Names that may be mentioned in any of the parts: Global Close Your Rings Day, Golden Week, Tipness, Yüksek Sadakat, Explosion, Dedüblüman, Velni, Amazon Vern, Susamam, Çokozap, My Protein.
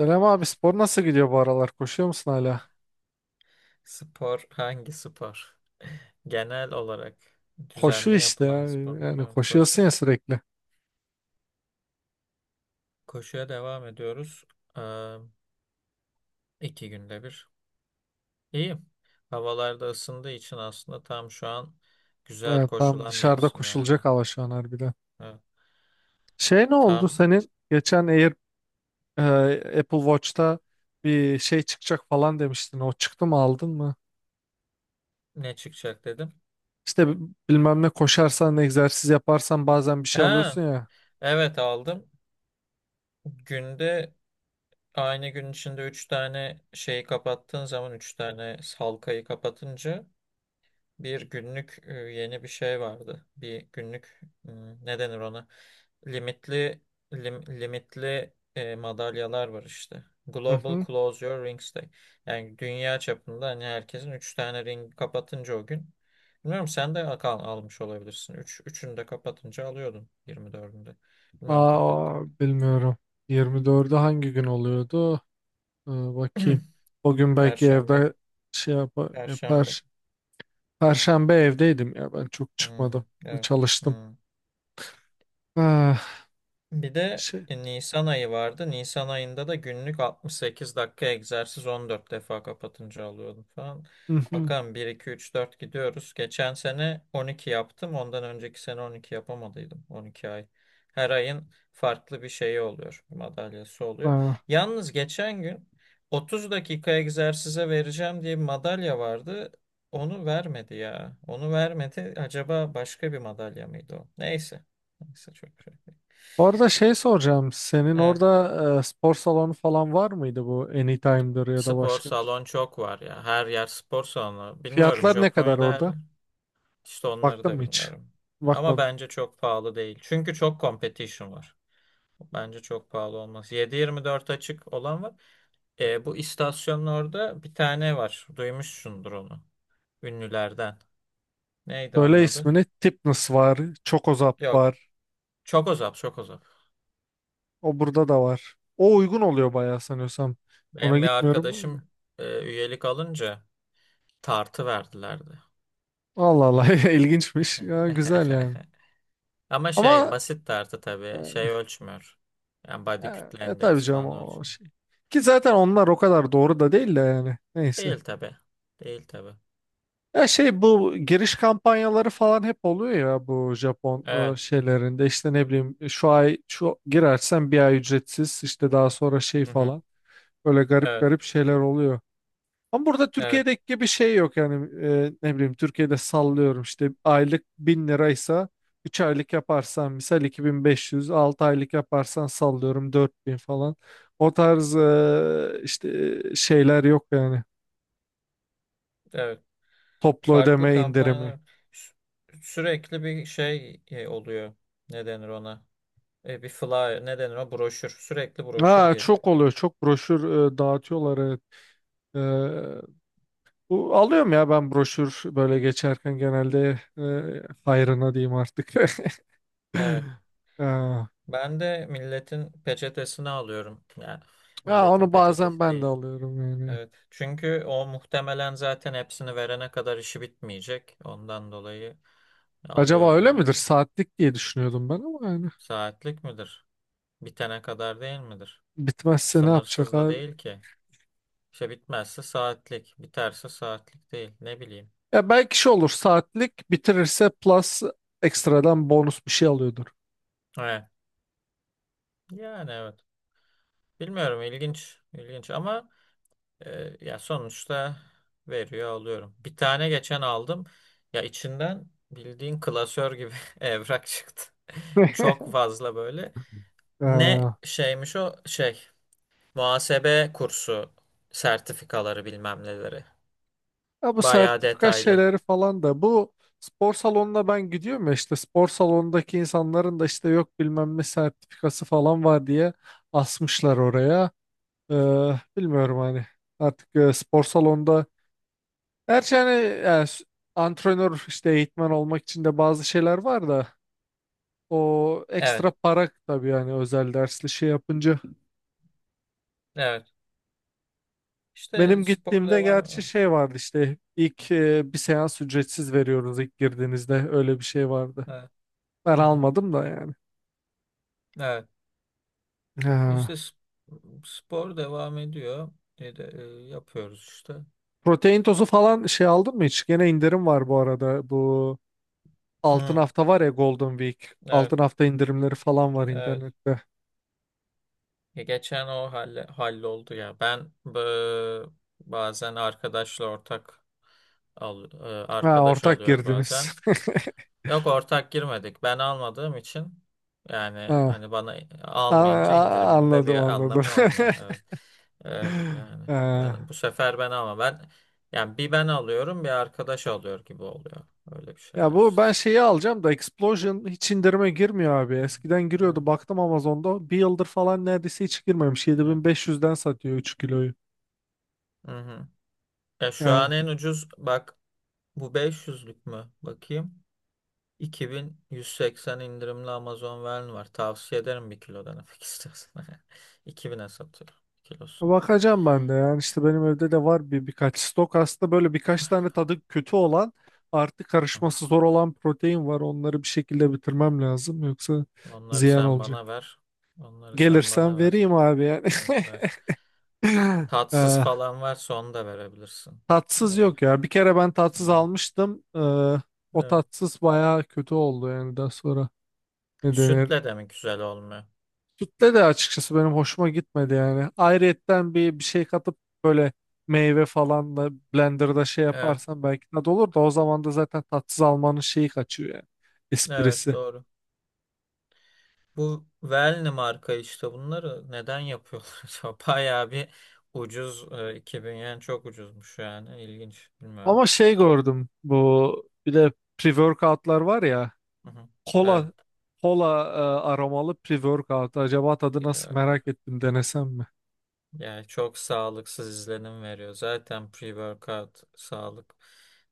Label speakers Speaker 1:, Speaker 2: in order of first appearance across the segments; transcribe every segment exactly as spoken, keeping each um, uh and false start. Speaker 1: Selam abi, spor nasıl gidiyor bu aralar? Koşuyor musun hala?
Speaker 2: Spor hangi spor? Genel olarak
Speaker 1: Koşu
Speaker 2: düzenli
Speaker 1: işte ya.
Speaker 2: yapılan spor mu?
Speaker 1: Yani
Speaker 2: Evet, koşu.
Speaker 1: koşuyorsun ya sürekli.
Speaker 2: Koşuya devam ediyoruz. Ee, iki günde bir. İyi. Havalar da ısındığı için aslında tam şu an güzel
Speaker 1: Evet, tam
Speaker 2: koşulan
Speaker 1: dışarıda
Speaker 2: mevsim
Speaker 1: koşulacak
Speaker 2: yani.
Speaker 1: hava şu an harbiden.
Speaker 2: Evet.
Speaker 1: Şey, ne oldu
Speaker 2: Tam
Speaker 1: senin? Geçen Air, e, Apple Watch'ta bir şey çıkacak falan demiştin. O çıktı mı, aldın mı?
Speaker 2: ne çıkacak dedim.
Speaker 1: İşte bi- bilmem ne, koşarsan, egzersiz yaparsan bazen bir şey alıyorsun
Speaker 2: Ha,
Speaker 1: ya.
Speaker 2: evet aldım. Günde aynı gün içinde üç tane şeyi kapattığın zaman üç tane halkayı kapatınca bir günlük e, yeni bir şey vardı. Bir günlük hmm, ne denir ona? Limitli lim- limitli e, madalyalar var işte.
Speaker 1: Hı
Speaker 2: Global
Speaker 1: hı.
Speaker 2: Close Your Rings Day. Yani dünya çapında hani herkesin üç tane ring kapatınca o gün. Bilmiyorum sen de al almış olabilirsin. üç, üçünü de kapatınca alıyordun yirmi dördünde. Bilmiyorum kapat.
Speaker 1: Aa, bilmiyorum. yirmi dördü hangi gün oluyordu? Ee, bakayım. O gün belki
Speaker 2: Perşembe.
Speaker 1: evde şey yap
Speaker 2: Perşembe.
Speaker 1: yapar. Perşembe evdeydim ya, ben çok
Speaker 2: Hmm,
Speaker 1: çıkmadım.
Speaker 2: evet.
Speaker 1: Çalıştım.
Speaker 2: Hmm.
Speaker 1: Ah,
Speaker 2: Bir de
Speaker 1: şey.
Speaker 2: e, Nisan ayı vardı. Nisan ayında da günlük altmış sekiz dakika egzersiz on dört defa kapatınca alıyordum falan.
Speaker 1: Hı hı.
Speaker 2: Bakalım bir iki üç dört gidiyoruz. Geçen sene on iki yaptım. Ondan önceki sene on iki yapamadıydım. on iki ay. Her ayın farklı bir şeyi oluyor. Madalyası oluyor.
Speaker 1: Ah.
Speaker 2: Yalnız geçen gün otuz dakika egzersize vereceğim diye bir madalya vardı. Onu vermedi ya. Onu vermedi. Acaba başka bir madalya mıydı o? Neyse. Neyse çok şey.
Speaker 1: Orada şey soracağım. Senin orada e, spor salonu falan var mıydı, bu Anytime'dır ya da
Speaker 2: Spor
Speaker 1: başka bir şey?
Speaker 2: salon çok var ya. Her yer spor salonu. Bilmiyorum
Speaker 1: Fiyatlar ne kadar
Speaker 2: Japonya'da her
Speaker 1: orada?
Speaker 2: yer. İşte onları
Speaker 1: Baktın
Speaker 2: da
Speaker 1: mı hiç?
Speaker 2: bilmiyorum. Ama
Speaker 1: Bakmadım.
Speaker 2: bence çok pahalı değil. Çünkü çok competition var. Bence çok pahalı olmaz. Yedi yirmi dört açık olan var. E, bu istasyonun orada bir tane var. Duymuşsundur onu. Ünlülerden. Neydi onun
Speaker 1: Söyle
Speaker 2: adı?
Speaker 1: ismini. Tipness var. Çokozap
Speaker 2: Yok.
Speaker 1: var.
Speaker 2: Çokozap, Çokozap.
Speaker 1: O burada da var. O uygun oluyor bayağı, sanıyorsam. Ona
Speaker 2: Benim bir
Speaker 1: gitmiyorum ben de.
Speaker 2: arkadaşım e, üyelik alınca tartı verdilerdi.
Speaker 1: Allah Allah, ilginçmiş. Ya, güzel yani.
Speaker 2: Ama şey
Speaker 1: Ama
Speaker 2: basit tartı tabii. Şey ölçmüyor. Yani body
Speaker 1: ya,
Speaker 2: kütle
Speaker 1: e, tabii
Speaker 2: endeksi
Speaker 1: canım,
Speaker 2: falan
Speaker 1: o
Speaker 2: ölçmüyor.
Speaker 1: şey. Ki zaten onlar o kadar doğru da değil de yani. Neyse.
Speaker 2: Değil tabii. Değil tabii.
Speaker 1: Ya şey, bu giriş kampanyaları falan hep oluyor ya bu Japon e,
Speaker 2: Evet.
Speaker 1: şeylerinde, işte ne bileyim, şu ay şu girersen bir ay ücretsiz, işte daha sonra şey
Speaker 2: Hı hı.
Speaker 1: falan, böyle garip
Speaker 2: Evet.
Speaker 1: garip şeyler oluyor. Ama burada
Speaker 2: Evet.
Speaker 1: Türkiye'deki gibi bir şey yok yani, e, ne bileyim, Türkiye'de sallıyorum işte aylık bin liraysa üç aylık yaparsan misal iki bin beş yüz, altı aylık yaparsan sallıyorum dört bin falan, o tarz e, işte e, şeyler yok yani,
Speaker 2: Evet.
Speaker 1: toplu
Speaker 2: Farklı
Speaker 1: ödeme indirimi.
Speaker 2: kampanyalar sü- sürekli bir şey e, oluyor. Ne denir ona? E, bir flyer. Ne denir o? Broşür. Sürekli broşür
Speaker 1: Ha,
Speaker 2: geliyor.
Speaker 1: çok oluyor, çok broşür e, dağıtıyorlar, evet. E, Bu alıyorum ya ben broşür, böyle geçerken genelde, e, hayrına diyeyim artık.
Speaker 2: Evet.
Speaker 1: Ha.
Speaker 2: Ben de milletin peçetesini alıyorum. Yani
Speaker 1: Ha,
Speaker 2: milletin
Speaker 1: onu bazen
Speaker 2: peçetesi
Speaker 1: ben de
Speaker 2: değil.
Speaker 1: alıyorum yani.
Speaker 2: Evet. Çünkü o muhtemelen zaten hepsini verene kadar işi bitmeyecek. Ondan dolayı
Speaker 1: Acaba
Speaker 2: alıyorum
Speaker 1: öyle midir?
Speaker 2: yani.
Speaker 1: Saatlik diye düşünüyordum ben, ama yani
Speaker 2: Saatlik midir? Bitene kadar değil midir?
Speaker 1: bitmezse ne yapacak
Speaker 2: Sınırsız da
Speaker 1: abi?
Speaker 2: değil ki. İşte bitmezse saatlik, biterse saatlik değil. Ne bileyim.
Speaker 1: Ya, belki şey olur, saatlik bitirirse plus, ekstradan bonus bir şey alıyordur.
Speaker 2: Evet. Yani evet. Bilmiyorum ilginç, ilginç ama e, ya sonuçta veriyor alıyorum. Bir tane geçen aldım. Ya içinden bildiğin klasör gibi evrak çıktı. Çok fazla böyle. Ne
Speaker 1: Ee,
Speaker 2: şeymiş o şey muhasebe kursu sertifikaları bilmem neleri.
Speaker 1: ya bu
Speaker 2: Bayağı
Speaker 1: sertifika
Speaker 2: detaylı.
Speaker 1: şeyleri falan da, bu spor salonuna ben gidiyorum ya, işte spor salonundaki insanların da işte, yok bilmem ne sertifikası falan var diye asmışlar oraya. Ee, bilmiyorum hani, artık e, spor salonunda, gerçi hani, e, s- antrenör, işte eğitmen olmak için de bazı şeyler var da. O ekstra
Speaker 2: Evet,
Speaker 1: para tabii yani, özel dersli şey yapınca.
Speaker 2: evet. İşte
Speaker 1: Benim
Speaker 2: spor
Speaker 1: gittiğimde
Speaker 2: devam
Speaker 1: gerçi
Speaker 2: ediyor.
Speaker 1: şey vardı işte, ilk e, bir seans ücretsiz veriyoruz ilk girdiğinizde, öyle bir şey vardı.
Speaker 2: Evet.
Speaker 1: Ben
Speaker 2: Hı hı.
Speaker 1: almadım da yani.
Speaker 2: Evet. İşte
Speaker 1: Ha.
Speaker 2: sp- spor devam ediyor. E de, e, yapıyoruz işte.
Speaker 1: Protein tozu falan şey aldın mı hiç? Gene indirim var bu arada. Bu altın
Speaker 2: Hı,
Speaker 1: hafta var ya, Golden Week.
Speaker 2: evet,
Speaker 1: Altın hafta indirimleri falan var
Speaker 2: evet.
Speaker 1: internette.
Speaker 2: Ya geçen o halle, halloldu ya. Ben bı- bazen arkadaşla ortak al, e,
Speaker 1: Ha,
Speaker 2: arkadaş
Speaker 1: ortak
Speaker 2: oluyor
Speaker 1: girdiniz.
Speaker 2: bazen. Yok ortak girmedik. Ben almadığım için yani
Speaker 1: Ha.
Speaker 2: hani bana
Speaker 1: A-
Speaker 2: almayınca
Speaker 1: a-
Speaker 2: indiriminde
Speaker 1: anladım,
Speaker 2: bir
Speaker 1: anladım.
Speaker 2: anlamı olmuyor. Evet. Evet yani
Speaker 1: Ha.
Speaker 2: ben bu sefer ben ama ben yani bir ben alıyorum bir arkadaş alıyor gibi oluyor. Öyle bir
Speaker 1: Ya,
Speaker 2: şeyler
Speaker 1: bu
Speaker 2: işte.
Speaker 1: ben şeyi alacağım da, Explosion hiç indirime girmiyor abi. Eskiden giriyordu,
Speaker 2: Evet.
Speaker 1: baktım Amazon'da. Bir yıldır falan neredeyse hiç girmemiş.
Speaker 2: Evet.
Speaker 1: yedi bin beş yüzden satıyor üç kiloyu.
Speaker 2: Hı hı. Ya şu an
Speaker 1: Yani
Speaker 2: en ucuz bak bu beş yüzlük mü? Bakayım. iki bin yüz seksen indirimli Amazon Vern var. Tavsiye ederim bir kilo denemek istersen. iki bin'e satıyor kilosunu.
Speaker 1: bakacağım ben de. Yani işte benim evde de var bir birkaç stok. Aslında böyle birkaç tane tadı kötü olan, artı karışması zor olan protein var. Onları bir şekilde bitirmem lazım. Yoksa
Speaker 2: Onları
Speaker 1: ziyan
Speaker 2: sen
Speaker 1: olacak.
Speaker 2: bana ver. Onları sen
Speaker 1: Gelirsem
Speaker 2: bana ver.
Speaker 1: vereyim abi yani.
Speaker 2: Evet ver. Tatsız
Speaker 1: Ee,
Speaker 2: falan varsa onu da verebilirsin.
Speaker 1: tatsız
Speaker 2: Evet,
Speaker 1: yok ya. Bir kere ben tatsız
Speaker 2: evet,
Speaker 1: almıştım. Ee, o
Speaker 2: evet.
Speaker 1: tatsız bayağı kötü oldu yani, daha sonra. Ne denir?
Speaker 2: Sütle de mi güzel olmuyor?
Speaker 1: Sütle de açıkçası benim hoşuma gitmedi yani. Ayrıyetten bir bir şey katıp, böyle meyve falan da blenderda şey
Speaker 2: Evet,
Speaker 1: yaparsan belki tadı olur da, o zaman da zaten tatsız almanın şeyi kaçıyor yani.
Speaker 2: evet
Speaker 1: Esprisi.
Speaker 2: doğru. Bu Velni marka işte bunları neden yapıyorlar acaba? Bayağı bir ucuz e, iki bin yani çok ucuzmuş yani. İlginç, bilmiyorum.
Speaker 1: Ama şey gördüm, bu bir de pre-workoutlar var ya,
Speaker 2: Hı hı. Evet.
Speaker 1: Kola kola e, aromalı pre-workout. Acaba tadı nasıl,
Speaker 2: e,
Speaker 1: merak ettim, denesem mi?
Speaker 2: Yani çok sağlıksız izlenim veriyor. Zaten pre-workout sağlık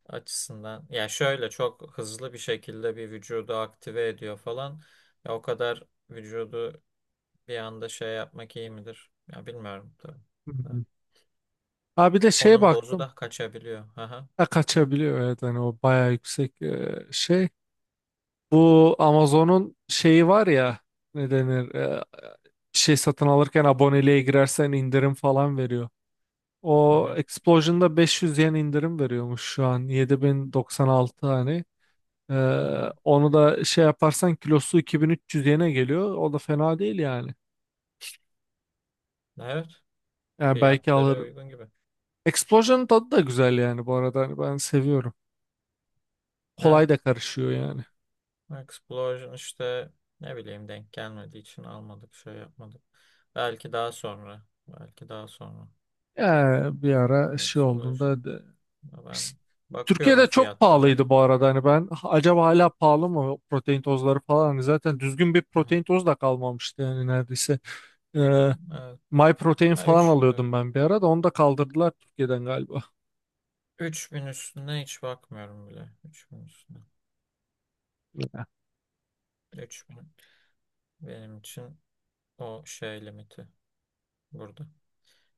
Speaker 2: açısından. Ya şöyle çok hızlı bir şekilde bir vücudu aktive ediyor falan. Ya o kadar vücudu bir anda şey yapmak iyi midir? Ya bilmiyorum tabii. Ha.
Speaker 1: Hmm. Ha, bir de şeye
Speaker 2: Onun dozu
Speaker 1: baktım.
Speaker 2: da kaçabiliyor. Aha.
Speaker 1: Ha, kaçabiliyor, evet, hani o bayağı yüksek e, şey. Bu Amazon'un şeyi var ya, ne denir, e, bir şey satın alırken aboneliğe girersen indirim falan veriyor.
Speaker 2: Hı
Speaker 1: O
Speaker 2: hı.
Speaker 1: Explosion'da beş yüz yen indirim veriyormuş şu an, yedi bin doksan altı hani. E,
Speaker 2: Hı hı.
Speaker 1: onu da şey yaparsan kilosu iki bin üç yüz yene geliyor. O da fena değil yani.
Speaker 2: Evet.
Speaker 1: Yani belki
Speaker 2: Fiyatları
Speaker 1: alırım.
Speaker 2: uygun gibi.
Speaker 1: Explosion'ın tadı da güzel yani bu arada. Hani ben seviyorum.
Speaker 2: Evet.
Speaker 1: Kolay da karışıyor yani.
Speaker 2: Explosion işte ne bileyim denk gelmediği için almadık, şey yapmadık. Belki daha sonra. Belki daha sonra.
Speaker 1: Ya bir ara şey
Speaker 2: Explosion.
Speaker 1: olduğunda,
Speaker 2: Ben bakıyorum
Speaker 1: Türkiye'de çok
Speaker 2: fiyatları
Speaker 1: pahalıydı
Speaker 2: hani.
Speaker 1: bu arada, hani ben, "Ha,
Speaker 2: Üç.
Speaker 1: acaba hala pahalı mı o protein tozları falan, hani zaten düzgün bir
Speaker 2: Hı hı.
Speaker 1: protein tozu da kalmamıştı yani neredeyse. Ee,
Speaker 2: Evet.
Speaker 1: My Protein
Speaker 2: Ha,
Speaker 1: falan
Speaker 2: üç, evet.
Speaker 1: alıyordum ben bir ara, da onu da kaldırdılar Türkiye'den galiba.
Speaker 2: üç bin üstüne hiç bakmıyorum bile. Üç bin üstüne. Üç bin. Benim için o şey limiti burada.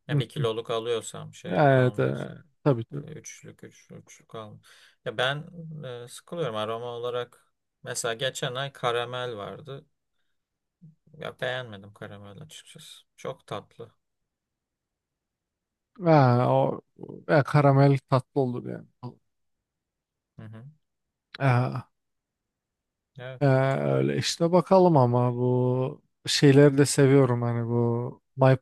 Speaker 2: Ya
Speaker 1: Hı.
Speaker 2: bir kiloluk alıyorsam şeylik
Speaker 1: Evet, e,
Speaker 2: almıyorsam.
Speaker 1: tabii
Speaker 2: E,
Speaker 1: tabii.
Speaker 2: Üçlük, üç, üçlük al. Ya ben e, sıkılıyorum aroma olarak. Mesela geçen ay karamel vardı. Ya beğenmedim karamel açıkçası. Çok tatlı.
Speaker 1: Ha, o, e, karamel tatlı olur yani.
Speaker 2: Hı hı.
Speaker 1: Ha,
Speaker 2: Evet.
Speaker 1: e, öyle işte bakalım, ama
Speaker 2: Evet.
Speaker 1: bu şeyleri de seviyorum hani, bu My,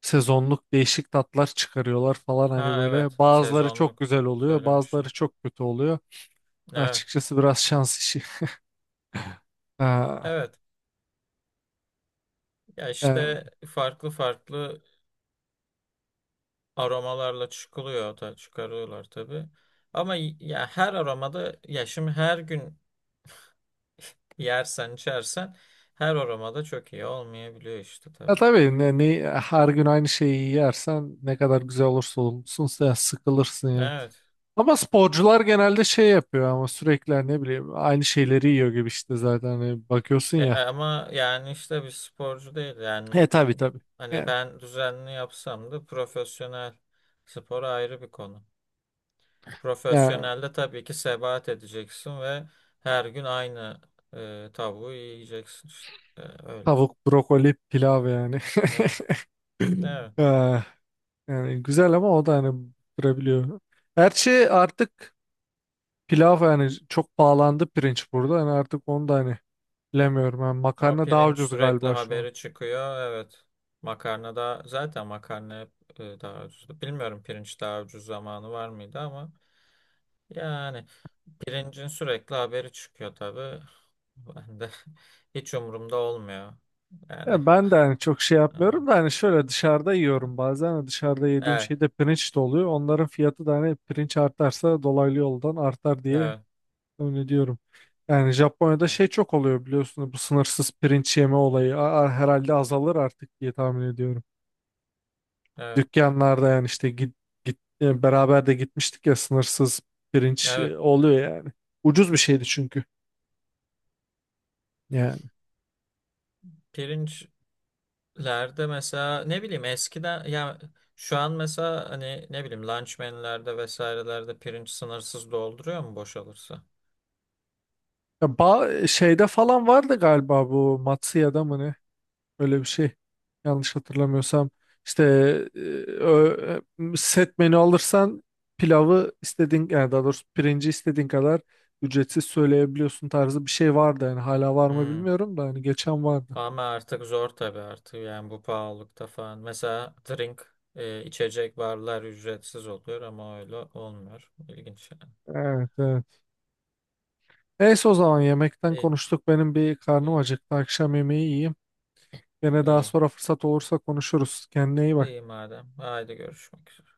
Speaker 1: sezonluk değişik tatlar çıkarıyorlar falan, hani
Speaker 2: Ha,
Speaker 1: böyle
Speaker 2: evet.
Speaker 1: bazıları çok
Speaker 2: Sezonluk.
Speaker 1: güzel oluyor bazıları
Speaker 2: Söylemiştin.
Speaker 1: çok kötü oluyor
Speaker 2: Evet.
Speaker 1: açıkçası, biraz şans işi. Ha,
Speaker 2: Evet. Ya
Speaker 1: e,
Speaker 2: işte farklı farklı aromalarla çıkılıyor da çıkarıyorlar tabii. Ama y- ya her aromada ya şimdi her gün yersen içersen her aromada çok iyi olmayabiliyor işte
Speaker 1: ya
Speaker 2: tabii.
Speaker 1: tabii, ne, ne- her gün aynı şeyi yersen ne kadar güzel olursa olsun sen sıkılırsın ya,
Speaker 2: Evet.
Speaker 1: ama sporcular genelde şey yapıyor ama, sürekli hani ne bileyim aynı şeyleri yiyor gibi işte, zaten hani bakıyorsun
Speaker 2: E, e,
Speaker 1: ya,
Speaker 2: ama yani işte bir sporcu değil yani
Speaker 1: e tabii tabii
Speaker 2: hani
Speaker 1: yani,
Speaker 2: ben düzenli yapsam da profesyonel spor ayrı bir konu.
Speaker 1: yani
Speaker 2: Profesyonelde tabii ki sebat edeceksin ve her gün aynı e, tavuğu yiyeceksin işte. E, öyle.
Speaker 1: tavuk, brokoli, pilav yani.
Speaker 2: Evet. Evet.
Speaker 1: Ee, yani güzel ama, o da hani durabiliyor. Her şey artık, pilav yani çok pahalandı pirinç burada. Yani artık onu da hani bilemiyorum. Yani
Speaker 2: O
Speaker 1: makarna daha
Speaker 2: pirinç
Speaker 1: ucuz
Speaker 2: sürekli
Speaker 1: galiba şu an.
Speaker 2: haberi çıkıyor. Evet. Makarna da zaten makarna hep e, daha ucuzdu. Bilmiyorum pirinç daha ucuz zamanı var mıydı ama yani pirincin sürekli haberi çıkıyor tabii. Ben de hiç umurumda olmuyor. Yani
Speaker 1: Ya ben de hani çok şey
Speaker 2: evet.
Speaker 1: yapmıyorum da, hani şöyle dışarıda yiyorum bazen. Hani dışarıda yediğim
Speaker 2: Evet.
Speaker 1: şey de pirinç de oluyor. Onların fiyatı da hani, pirinç artarsa dolaylı yoldan artar diye
Speaker 2: Evet.
Speaker 1: öyle diyorum. Yani Japonya'da
Speaker 2: Evet. Evet.
Speaker 1: şey çok oluyor biliyorsunuz, bu sınırsız pirinç yeme olayı, A- a- herhalde azalır artık diye tahmin ediyorum
Speaker 2: Evet.
Speaker 1: dükkanlarda yani, işte git, git e, beraber de gitmiştik ya, sınırsız pirinç
Speaker 2: Evet.
Speaker 1: e, oluyor yani. Ucuz bir şeydi çünkü yani.
Speaker 2: Pirinç Lerde mesela ne bileyim eskiden ya şu an mesela hani ne bileyim lunchmenlerde vesairelerde pirinç sınırsız dolduruyor mu boşalırsa?
Speaker 1: Ya ba- şeyde falan vardı galiba, bu Matsuya'da mı ne? Öyle bir şey. Yanlış hatırlamıyorsam. İşte e, ö- e, set menü alırsan pilavı istediğin, yani daha doğrusu pirinci istediğin kadar ücretsiz söyleyebiliyorsun tarzı bir şey vardı yani, hala var mı
Speaker 2: Hmm.
Speaker 1: bilmiyorum da hani geçen vardı.
Speaker 2: Ama artık zor tabii artık yani bu pahalılıkta falan. Mesela drink e, içecek barlar ücretsiz oluyor ama öyle olmuyor. İlginç yani.
Speaker 1: Evet, evet. Neyse, o zaman yemekten
Speaker 2: İyi,
Speaker 1: konuştuk. Benim bir karnım
Speaker 2: iyi,
Speaker 1: acıktı. Akşam yemeği yiyeyim. Gene daha
Speaker 2: iyi,
Speaker 1: sonra fırsat olursa konuşuruz. Kendine iyi
Speaker 2: iyi
Speaker 1: bak.
Speaker 2: madem. Haydi görüşmek üzere.